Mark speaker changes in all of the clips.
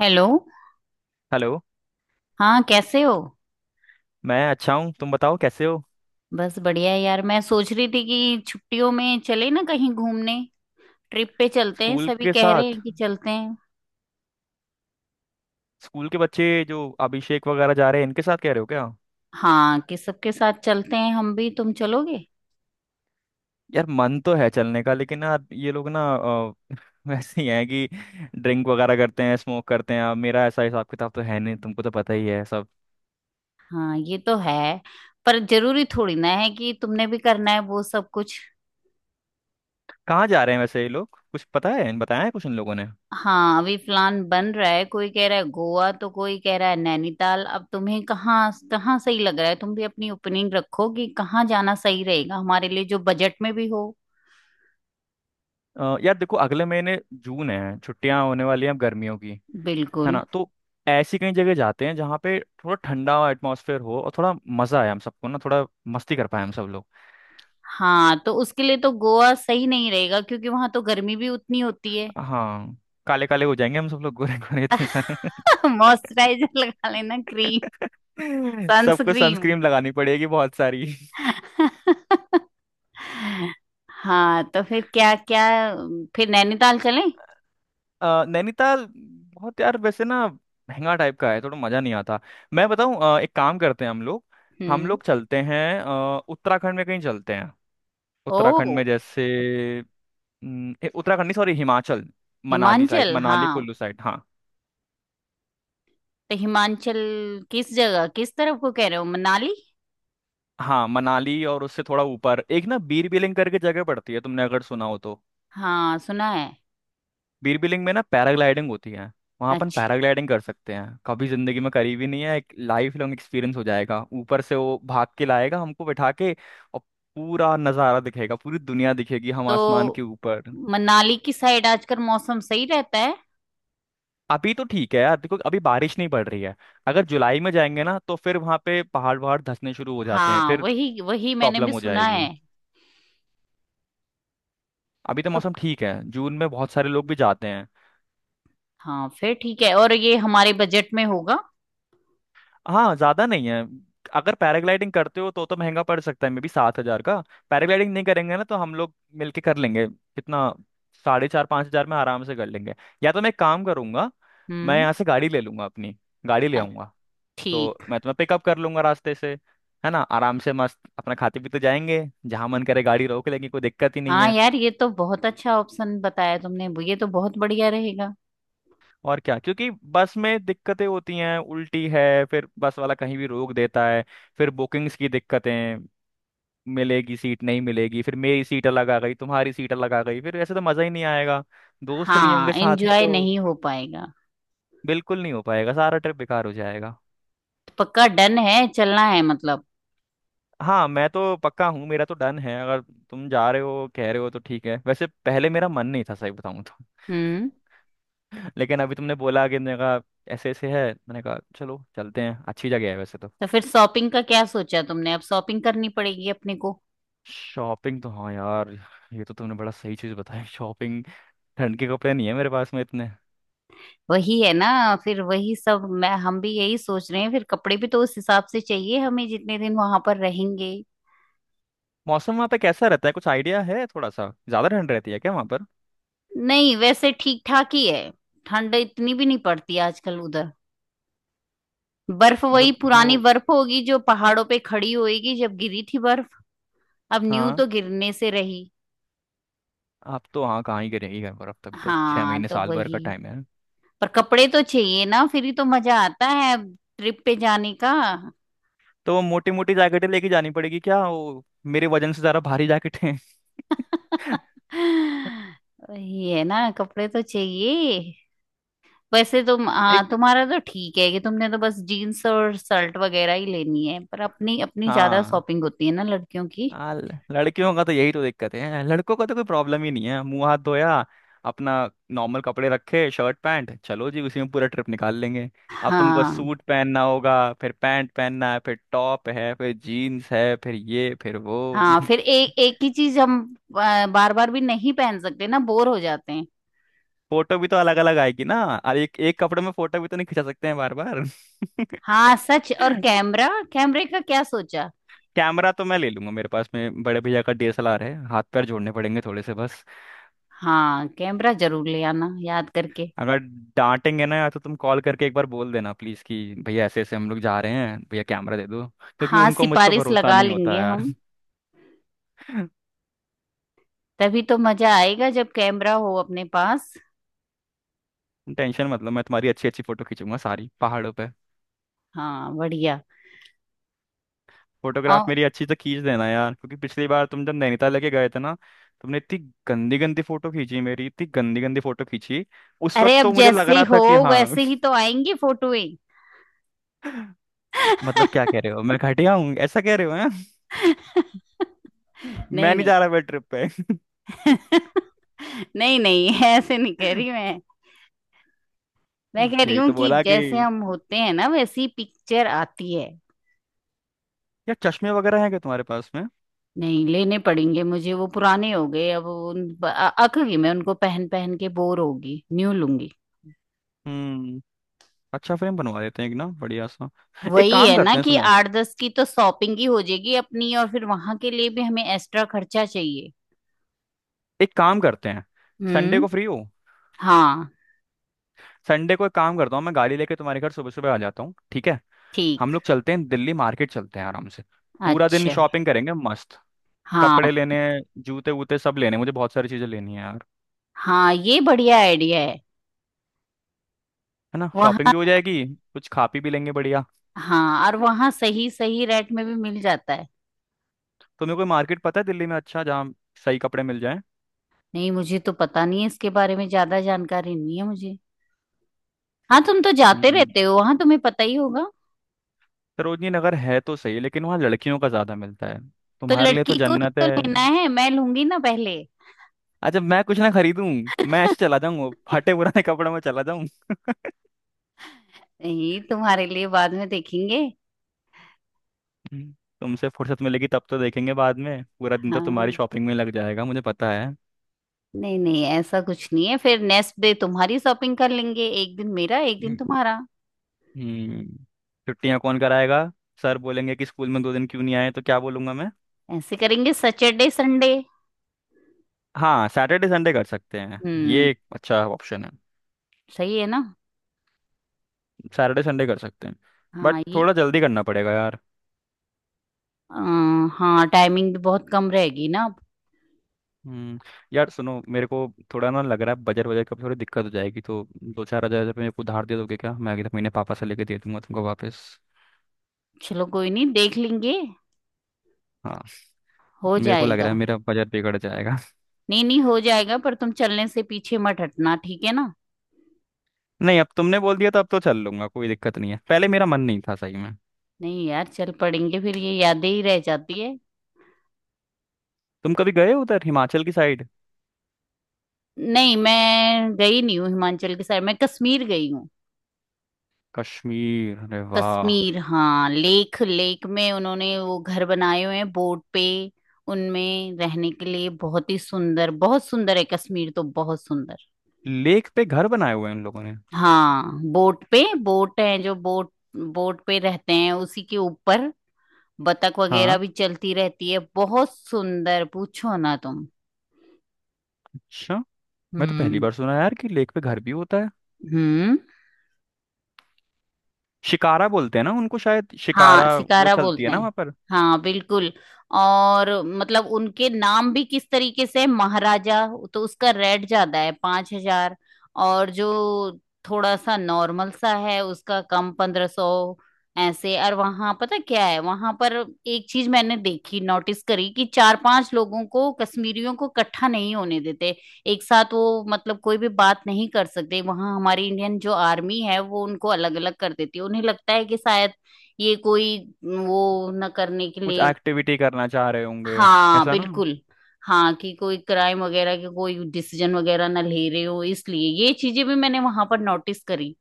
Speaker 1: Hello.
Speaker 2: Hello.
Speaker 1: हाँ, कैसे हो?
Speaker 2: मैं अच्छा हूँ, तुम बताओ कैसे हो।
Speaker 1: बस बढ़िया है यार। मैं सोच रही थी कि छुट्टियों में चले ना कहीं घूमने, ट्रिप पे चलते हैं।
Speaker 2: स्कूल
Speaker 1: सभी
Speaker 2: के
Speaker 1: कह रहे
Speaker 2: साथ।
Speaker 1: हैं कि चलते हैं।
Speaker 2: स्कूल के बच्चे जो अभिषेक वगैरह जा रहे हैं इनके साथ कह रहे हो क्या।
Speaker 1: हाँ, कि सबके साथ चलते हैं हम भी, तुम चलोगे?
Speaker 2: यार मन तो है चलने का, लेकिन यार ये लोग ना वैसे ही हैं कि ड्रिंक वगैरह करते हैं, स्मोक करते हैं। अब मेरा ऐसा हिसाब किताब तो है नहीं, तुमको तो पता ही है सब।
Speaker 1: हाँ ये तो है, पर जरूरी थोड़ी ना है कि तुमने भी करना है वो सब कुछ।
Speaker 2: कहाँ जा रहे हैं वैसे ये लोग, कुछ पता है, बताया है कुछ इन लोगों ने।
Speaker 1: हाँ अभी प्लान बन रहा है, कोई कह रहा है गोवा तो कोई कह रहा है नैनीताल। अब तुम्हें कहाँ कहाँ सही लग रहा है, तुम भी अपनी ओपिनियन रखो कि कहाँ जाना सही रहेगा हमारे लिए, जो बजट में भी हो।
Speaker 2: यार देखो, अगले महीने जून है, छुट्टियां होने वाली हैं अब गर्मियों की, है
Speaker 1: बिल्कुल।
Speaker 2: ना। तो ऐसी कई जगह जाते हैं जहाँ पे थोड़ा ठंडा एटमॉस्फेयर हो, और थोड़ा मजा आए हम सबको ना, थोड़ा मस्ती कर पाए हम सब लोग।
Speaker 1: हाँ तो उसके लिए तो गोवा सही नहीं रहेगा, क्योंकि वहां तो गर्मी भी उतनी होती है।
Speaker 2: हाँ, काले काले हो जाएंगे हम सब लोग, गोरे गोरे इतने सारे।
Speaker 1: मॉइस्चराइजर लगा लेना, क्रीम,
Speaker 2: सबको
Speaker 1: सनस्क्रीन।
Speaker 2: सनस्क्रीन लगानी पड़ेगी बहुत सारी।
Speaker 1: हाँ तो फिर क्या क्या फिर नैनीताल चलें?
Speaker 2: नैनीताल बहुत यार वैसे ना, महंगा टाइप का है, थोड़ा मजा नहीं आता। मैं बताऊं, एक काम करते हैं हम लोग। हम
Speaker 1: हम्म।
Speaker 2: लोग चलते हैं, उत्तराखंड में कहीं चलते हैं। उत्तराखंड
Speaker 1: ओ।
Speaker 2: में जैसे। उत्तराखंड नहीं, सॉरी, हिमाचल। मनाली साइड,
Speaker 1: हिमाचल,
Speaker 2: मनाली
Speaker 1: हाँ।
Speaker 2: कुल्लू साइड, हाँ।
Speaker 1: तो हिमाचल किस जगह, किस तरफ को कह रहे हो, मनाली?
Speaker 2: हाँ, मनाली, और उससे थोड़ा ऊपर एक ना, बीर बिलिंग करके जगह पड़ती है, तुमने अगर सुना हो तो।
Speaker 1: हाँ सुना है।
Speaker 2: बीर बिलिंग में ना पैराग्लाइडिंग होती है। वहाँ अपन
Speaker 1: अच्छा।
Speaker 2: पैराग्लाइडिंग कर सकते हैं, कभी जिंदगी में करी भी नहीं है, एक लाइफ लॉन्ग एक्सपीरियंस हो जाएगा, ऊपर से वो भाग के लाएगा हमको बैठा के। और पूरा नज़ारा दिखेगा, पूरी दुनिया दिखेगी, हम आसमान
Speaker 1: तो
Speaker 2: के ऊपर।
Speaker 1: मनाली की साइड आजकल मौसम सही रहता है?
Speaker 2: अभी तो ठीक है यार, देखो अभी बारिश नहीं पड़ रही है। अगर जुलाई में जाएंगे ना तो फिर वहां पे पहाड़ वहाड़ धंसने शुरू हो जाते हैं,
Speaker 1: हाँ
Speaker 2: फिर
Speaker 1: वही वही मैंने
Speaker 2: प्रॉब्लम
Speaker 1: भी
Speaker 2: हो
Speaker 1: सुना
Speaker 2: जाएगी।
Speaker 1: है।
Speaker 2: अभी तो
Speaker 1: तो
Speaker 2: मौसम ठीक है, जून में बहुत सारे लोग भी जाते हैं।
Speaker 1: हाँ फिर ठीक है, और ये हमारे बजट में होगा?
Speaker 2: हाँ, ज्यादा नहीं है। अगर पैराग्लाइडिंग करते हो तो महंगा पड़ सकता है, मे बी 7 हजार का। पैराग्लाइडिंग नहीं करेंगे ना तो हम लोग मिलके कर लेंगे, कितना, साढ़े चार पाँच हजार में आराम से कर लेंगे। या तो मैं एक काम करूंगा, मैं
Speaker 1: हम्म।
Speaker 2: यहाँ से गाड़ी ले लूंगा अपनी, गाड़ी ले
Speaker 1: अ-
Speaker 2: आऊंगा। तो
Speaker 1: ठीक।
Speaker 2: मैं तुम्हें पिकअप कर लूंगा रास्ते से, है ना। आराम से मस्त अपना खाते पीते जाएंगे, जहां मन करे गाड़ी रोक लेंगे, कोई दिक्कत ही नहीं
Speaker 1: हाँ
Speaker 2: है।
Speaker 1: यार ये तो बहुत अच्छा ऑप्शन बताया तुमने, ये तो बहुत बढ़िया रहेगा।
Speaker 2: और क्या, क्योंकि बस में दिक्कतें होती हैं, उल्टी है, फिर बस वाला कहीं भी रोक देता है। फिर बुकिंग्स की दिक्कतें, मिलेगी सीट नहीं मिलेगी, फिर मेरी सीट अलग आ गई, तुम्हारी सीट अलग आ गई, फिर ऐसे तो मजा ही नहीं आएगा। दोस्त नहीं
Speaker 1: हाँ
Speaker 2: होंगे साथ में
Speaker 1: एंजॉय
Speaker 2: तो
Speaker 1: नहीं हो पाएगा।
Speaker 2: बिल्कुल नहीं हो पाएगा, सारा ट्रिप बेकार हो जाएगा।
Speaker 1: पक्का डन है, चलना है मतलब।
Speaker 2: हाँ, मैं तो पक्का हूँ, मेरा तो डन है। अगर तुम जा रहे हो, कह रहे हो तो ठीक है। वैसे पहले मेरा मन नहीं था, सही बताऊँ तो।
Speaker 1: हम्म।
Speaker 2: लेकिन अभी तुमने बोला कि मैंने कहा, ऐसे ऐसे है, मैंने कहा चलो चलते हैं, अच्छी जगह है वैसे तो।
Speaker 1: तो फिर शॉपिंग का क्या सोचा तुमने, अब शॉपिंग करनी पड़ेगी अपने को।
Speaker 2: शॉपिंग तो हाँ यार, ये तो तुमने बड़ा सही चीज़ बताई, शॉपिंग। ठंड के कपड़े नहीं है मेरे पास में इतने।
Speaker 1: वही है ना, फिर वही सब। मैं हम भी यही सोच रहे हैं, फिर कपड़े भी तो उस हिसाब से चाहिए हमें, जितने दिन वहां पर रहेंगे।
Speaker 2: मौसम वहाँ पे कैसा रहता है, कुछ आइडिया है, थोड़ा सा ज़्यादा ठंड रहती है क्या वहाँ पर।
Speaker 1: नहीं वैसे ठीक ठाक ही है, ठंड इतनी भी नहीं पड़ती आजकल उधर। बर्फ वही
Speaker 2: मतलब
Speaker 1: पुरानी
Speaker 2: दो,
Speaker 1: बर्फ होगी जो पहाड़ों पे खड़ी होएगी, जब गिरी थी बर्फ। अब न्यू
Speaker 2: हाँ।
Speaker 1: तो गिरने से रही।
Speaker 2: आप तो हाँ कहाँ ही करेंगी यहाँ पर, अब तक तो छः
Speaker 1: हाँ
Speaker 2: महीने
Speaker 1: तो
Speaker 2: साल भर का
Speaker 1: वही।
Speaker 2: टाइम है।
Speaker 1: पर कपड़े तो चाहिए ना, फिर ही तो मजा आता है ट्रिप पे जाने का।
Speaker 2: तो मोटी मोटी जैकेटें लेके जानी पड़ेगी क्या वो, मेरे वजन से ज़रा भारी जैकेटें।
Speaker 1: वही है ना, कपड़े तो चाहिए। वैसे तुम,
Speaker 2: एक,
Speaker 1: हाँ, तुम्हारा तो ठीक है कि तुमने तो बस जीन्स और शर्ट वगैरह ही लेनी है, पर अपनी अपनी ज्यादा
Speaker 2: हाँ।
Speaker 1: शॉपिंग होती है ना लड़कियों की।
Speaker 2: लड़कियों का तो यही तो दिक्कत है, लड़कों का तो कोई प्रॉब्लम ही नहीं है, मुंह हाथ धोया अपना, नॉर्मल कपड़े रखे शर्ट पैंट, चलो जी उसी में पूरा ट्रिप निकाल लेंगे। अब तुमको
Speaker 1: हाँ।
Speaker 2: सूट पहनना होगा, फिर पैंट पहनना है, फिर टॉप है, फिर जीन्स है, फिर ये फिर वो।
Speaker 1: हाँ फिर एक एक ही चीज हम बार बार भी नहीं पहन सकते ना, बोर हो जाते हैं।
Speaker 2: फोटो भी तो अलग अलग आएगी ना, और एक एक कपड़े में फोटो भी तो नहीं खिंचा सकते हैं बार बार।
Speaker 1: हाँ सच। और कैमरा, कैमरे का क्या सोचा?
Speaker 2: कैमरा तो मैं ले लूंगा, मेरे पास में बड़े भैया का डीएसएलआर है, हाथ पैर जोड़ने पड़ेंगे थोड़े से बस।
Speaker 1: हाँ कैमरा जरूर ले आना याद करके।
Speaker 2: अगर डांटेंगे ना यार तो तुम कॉल करके एक बार बोल देना प्लीज, कि भैया ऐसे ऐसे हम लोग जा रहे हैं, भैया कैमरा दे दो, क्योंकि
Speaker 1: हाँ
Speaker 2: उनको मुझ पर
Speaker 1: सिफारिश
Speaker 2: भरोसा
Speaker 1: लगा
Speaker 2: नहीं
Speaker 1: लेंगे
Speaker 2: होता यार।
Speaker 1: हम। तभी तो मजा आएगा जब कैमरा हो अपने पास।
Speaker 2: टेंशन मत लो, मैं तुम्हारी अच्छी अच्छी फोटो खींचूंगा सारी पहाड़ों पे।
Speaker 1: हाँ बढ़िया।
Speaker 2: फोटोग्राफ
Speaker 1: और
Speaker 2: मेरी अच्छी से खींच देना यार, क्योंकि पिछली बार तुम जब नैनीताल लेके गए थे ना, तुमने इतनी गंदी गंदी फोटो खींची मेरी, इतनी गंदी गंदी फोटो खींची, उस
Speaker 1: अरे
Speaker 2: वक्त
Speaker 1: अब
Speaker 2: तो मुझे लग
Speaker 1: जैसे
Speaker 2: रहा
Speaker 1: हो
Speaker 2: था कि हाँ।
Speaker 1: वैसे ही तो आएंगी फोटोएं।
Speaker 2: मतलब क्या कह रहे हो, मैं घटिया हूँ ऐसा कह रहे हो हैं?
Speaker 1: नहीं
Speaker 2: मैं नहीं
Speaker 1: नहीं।
Speaker 2: जा रहा मैं ट्रिप पे।
Speaker 1: नहीं नहीं ऐसे नहीं कह रही मैं। मैं कह रही
Speaker 2: यही
Speaker 1: हूँ
Speaker 2: तो
Speaker 1: कि
Speaker 2: बोला कि
Speaker 1: जैसे हम होते हैं ना वैसी पिक्चर आती है।
Speaker 2: यार, चश्मे वगैरह हैं क्या तुम्हारे पास में।
Speaker 1: नहीं लेने पड़ेंगे मुझे, वो पुराने हो गए अब। अक गई मैं उनको पहन पहन के, बोर होगी, न्यू लूंगी।
Speaker 2: हम्म। अच्छा, फ्रेम बनवा देते हैं एक ना, बढ़िया सा। एक
Speaker 1: वही
Speaker 2: काम
Speaker 1: है ना
Speaker 2: करते हैं,
Speaker 1: कि
Speaker 2: सुनो,
Speaker 1: आठ दस की तो शॉपिंग ही हो जाएगी अपनी, और फिर वहां के लिए भी हमें एक्स्ट्रा खर्चा चाहिए।
Speaker 2: एक काम करते हैं। संडे
Speaker 1: हम्म।
Speaker 2: को फ्री हो।
Speaker 1: हाँ।
Speaker 2: संडे को एक काम करता हूँ, मैं गाड़ी लेके तुम्हारे घर सुबह सुबह आ जाता हूँ, ठीक है।
Speaker 1: ठीक।
Speaker 2: हम लोग चलते हैं दिल्ली, मार्केट चलते हैं आराम से, पूरा दिन
Speaker 1: अच्छा।
Speaker 2: शॉपिंग करेंगे मस्त।
Speaker 1: हाँ।
Speaker 2: कपड़े लेने, जूते वूते सब लेने, मुझे बहुत सारी चीजें लेनी है यार,
Speaker 1: हाँ ये बढ़िया आइडिया है।
Speaker 2: है ना। शॉपिंग भी
Speaker 1: वहाँ,
Speaker 2: हो जाएगी, कुछ खा पी भी लेंगे, बढ़िया।
Speaker 1: हाँ, और वहाँ सही सही रेट में भी मिल जाता है।
Speaker 2: तुम्हें कोई मार्केट पता है दिल्ली में अच्छा, जहाँ सही कपड़े मिल
Speaker 1: नहीं मुझे तो पता नहीं है, इसके बारे में ज्यादा जानकारी नहीं है मुझे। हाँ तुम तो जाते
Speaker 2: जाए।
Speaker 1: रहते हो वहां, तुम्हें पता ही होगा।
Speaker 2: सरोजनी नगर है तो सही, लेकिन वहाँ लड़कियों का ज्यादा मिलता है,
Speaker 1: तो
Speaker 2: तुम्हारे लिए तो
Speaker 1: लड़की को ही
Speaker 2: जन्नत
Speaker 1: तो
Speaker 2: है।
Speaker 1: लेना है, मैं लूंगी ना पहले।
Speaker 2: अच्छा, मैं कुछ ना खरीदूं, मैं ऐसे चला जाऊं, फटे पुराने कपड़ों में चला जाऊं।
Speaker 1: नहीं तुम्हारे लिए बाद में देखेंगे।
Speaker 2: हम्म, तुमसे फुर्सत मिलेगी तब तो देखेंगे बाद में, पूरा दिन तो
Speaker 1: हाँ।
Speaker 2: तुम्हारी शॉपिंग में लग जाएगा, मुझे पता है।
Speaker 1: नहीं नहीं ऐसा कुछ नहीं है, फिर नेक्स्ट डे तुम्हारी शॉपिंग कर लेंगे, एक दिन मेरा एक दिन
Speaker 2: हम्म।
Speaker 1: तुम्हारा।
Speaker 2: छुट्टियां कौन कराएगा, सर बोलेंगे कि स्कूल में 2 दिन क्यों नहीं आए तो क्या बोलूंगा मैं।
Speaker 1: ऐसे करेंगे सैटरडे संडे।
Speaker 2: हाँ, सैटरडे संडे कर सकते हैं,
Speaker 1: हम्म।
Speaker 2: ये एक अच्छा ऑप्शन है।
Speaker 1: सही है ना।
Speaker 2: सैटरडे संडे कर सकते हैं। बट
Speaker 1: हाँ ये
Speaker 2: थोड़ा जल्दी करना पड़ेगा यार।
Speaker 1: आ, हाँ टाइमिंग भी बहुत कम रहेगी ना।
Speaker 2: हम्म यार सुनो मेरे को, थोड़ा ना लग रहा है बजट, बजट का थोड़ी दिक्कत हो जाएगी। तो दो चार हजार रुपये मेरे को उधार दे दोगे क्या, मैं अगले महीने पापा से लेके दे दूंगा तुमको वापस।
Speaker 1: चलो कोई नहीं, देख लेंगे,
Speaker 2: हाँ,
Speaker 1: हो
Speaker 2: मेरे को लग
Speaker 1: जाएगा।
Speaker 2: रहा है मेरा बजट बिगड़ जाएगा।
Speaker 1: नहीं नहीं हो जाएगा, पर तुम चलने से पीछे मत हटना ठीक है ना।
Speaker 2: नहीं, अब तुमने बोल दिया तो अब तो चल लूंगा, कोई दिक्कत नहीं है, पहले मेरा मन नहीं था सही में।
Speaker 1: नहीं यार चल पड़ेंगे, फिर ये यादें ही रह जाती है।
Speaker 2: तुम कभी गए हो उधर हिमाचल की साइड।
Speaker 1: नहीं मैं गई नहीं हूँ हिमाचल के साइड, मैं कश्मीर गई हूँ।
Speaker 2: कश्मीर, अरे वाह।
Speaker 1: कश्मीर, हाँ। लेक लेक में उन्होंने वो घर बनाए हुए हैं बोट पे। उनमें रहने के लिए, बहुत ही सुंदर, बहुत सुंदर है कश्मीर तो, बहुत सुंदर।
Speaker 2: लेक पे घर बनाए हुए हैं उन लोगों ने,
Speaker 1: हाँ बोट पे, बोट है, जो बोट, बोट पे रहते हैं उसी के ऊपर। बतख वगैरह
Speaker 2: हाँ।
Speaker 1: भी चलती रहती है, बहुत सुंदर, पूछो ना तुम।
Speaker 2: अच्छा, मैं तो पहली
Speaker 1: हम्म।
Speaker 2: बार सुना यार कि लेक पे घर भी होता है।
Speaker 1: हम्म।
Speaker 2: शिकारा बोलते हैं ना उनको शायद,
Speaker 1: हाँ
Speaker 2: शिकारा। वो
Speaker 1: सिकारा
Speaker 2: चलती है
Speaker 1: बोलते
Speaker 2: ना
Speaker 1: हैं।
Speaker 2: वहाँ पर।
Speaker 1: हाँ बिल्कुल। और मतलब उनके नाम भी किस तरीके से हैं, महाराजा। तो उसका रेट ज्यादा है, 5,000। और जो थोड़ा सा नॉर्मल सा है उसका कम, 1,500। ऐसे। और वहां पता क्या है, वहां पर एक चीज मैंने देखी, नोटिस करी, कि चार पांच लोगों को, कश्मीरियों को, इकट्ठा नहीं होने देते एक साथ। वो मतलब कोई भी बात नहीं कर सकते वहां, हमारी इंडियन जो आर्मी है वो उनको अलग अलग कर देती है। उन्हें लगता है कि शायद ये कोई वो न करने के
Speaker 2: कुछ
Speaker 1: लिए।
Speaker 2: एक्टिविटी करना चाह रहे होंगे,
Speaker 1: हाँ
Speaker 2: ऐसा ना,
Speaker 1: बिल्कुल। हाँ कि कोई क्राइम वगैरह के कोई डिसीजन वगैरह ना ले रहे हो, इसलिए ये चीजें भी मैंने वहां पर नोटिस करी।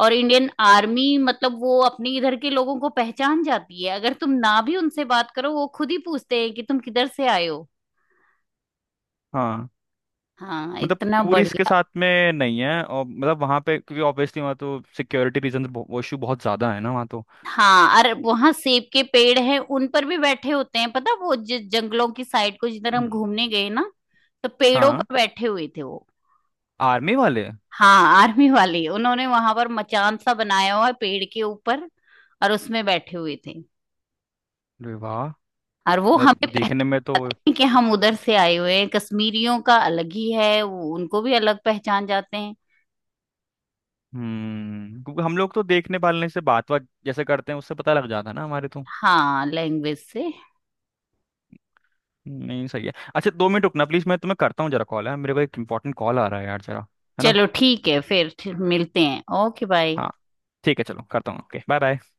Speaker 1: और इंडियन आर्मी मतलब वो अपने इधर के लोगों को पहचान जाती है, अगर तुम ना भी उनसे बात करो वो खुद ही पूछते हैं कि तुम किधर से आए हो।
Speaker 2: हाँ।
Speaker 1: हाँ
Speaker 2: मतलब
Speaker 1: इतना
Speaker 2: टूरिस्ट के
Speaker 1: बढ़िया।
Speaker 2: साथ में नहीं है, और मतलब वहाँ पे क्योंकि ऑब्वियसली वहाँ तो सिक्योरिटी रीजन, वो इशू बहुत ज़्यादा है ना वहाँ तो।
Speaker 1: हाँ अरे वहां सेब के पेड़ हैं, उन पर भी बैठे होते हैं पता, वो जंगलों की साइड को, जिधर हम
Speaker 2: हम्म,
Speaker 1: घूमने गए ना, तो पेड़ों
Speaker 2: हाँ,
Speaker 1: पर बैठे हुए थे वो।
Speaker 2: आर्मी वाले।
Speaker 1: हाँ आर्मी वाली उन्होंने वहां पर मचान सा बनाया हुआ है पेड़ के ऊपर, और उसमें बैठे हुए थे।
Speaker 2: अरे वाह,
Speaker 1: और वो
Speaker 2: मतलब
Speaker 1: हमें
Speaker 2: देखने में
Speaker 1: पहचाने
Speaker 2: तो।
Speaker 1: कि हम उधर से आए हुए हैं। कश्मीरियों का अलग ही है, वो उनको भी अलग पहचान जाते हैं।
Speaker 2: हम्म, क्योंकि हम लोग तो देखने वालने से बात बात जैसे करते हैं, उससे पता लग जाता है ना हमारे तो।
Speaker 1: हाँ लैंग्वेज से।
Speaker 2: नहीं, सही है। अच्छा, 2 मिनट रुकना प्लीज़, मैं तुम्हें करता हूँ जरा, कॉल है मेरे को, एक इंपॉर्टेंट कॉल आ रहा है यार जरा, है ना।
Speaker 1: चलो ठीक है, फिर मिलते हैं, ओके बाय।
Speaker 2: हाँ, ठीक है, चलो करता हूँ, ओके बाय बाय।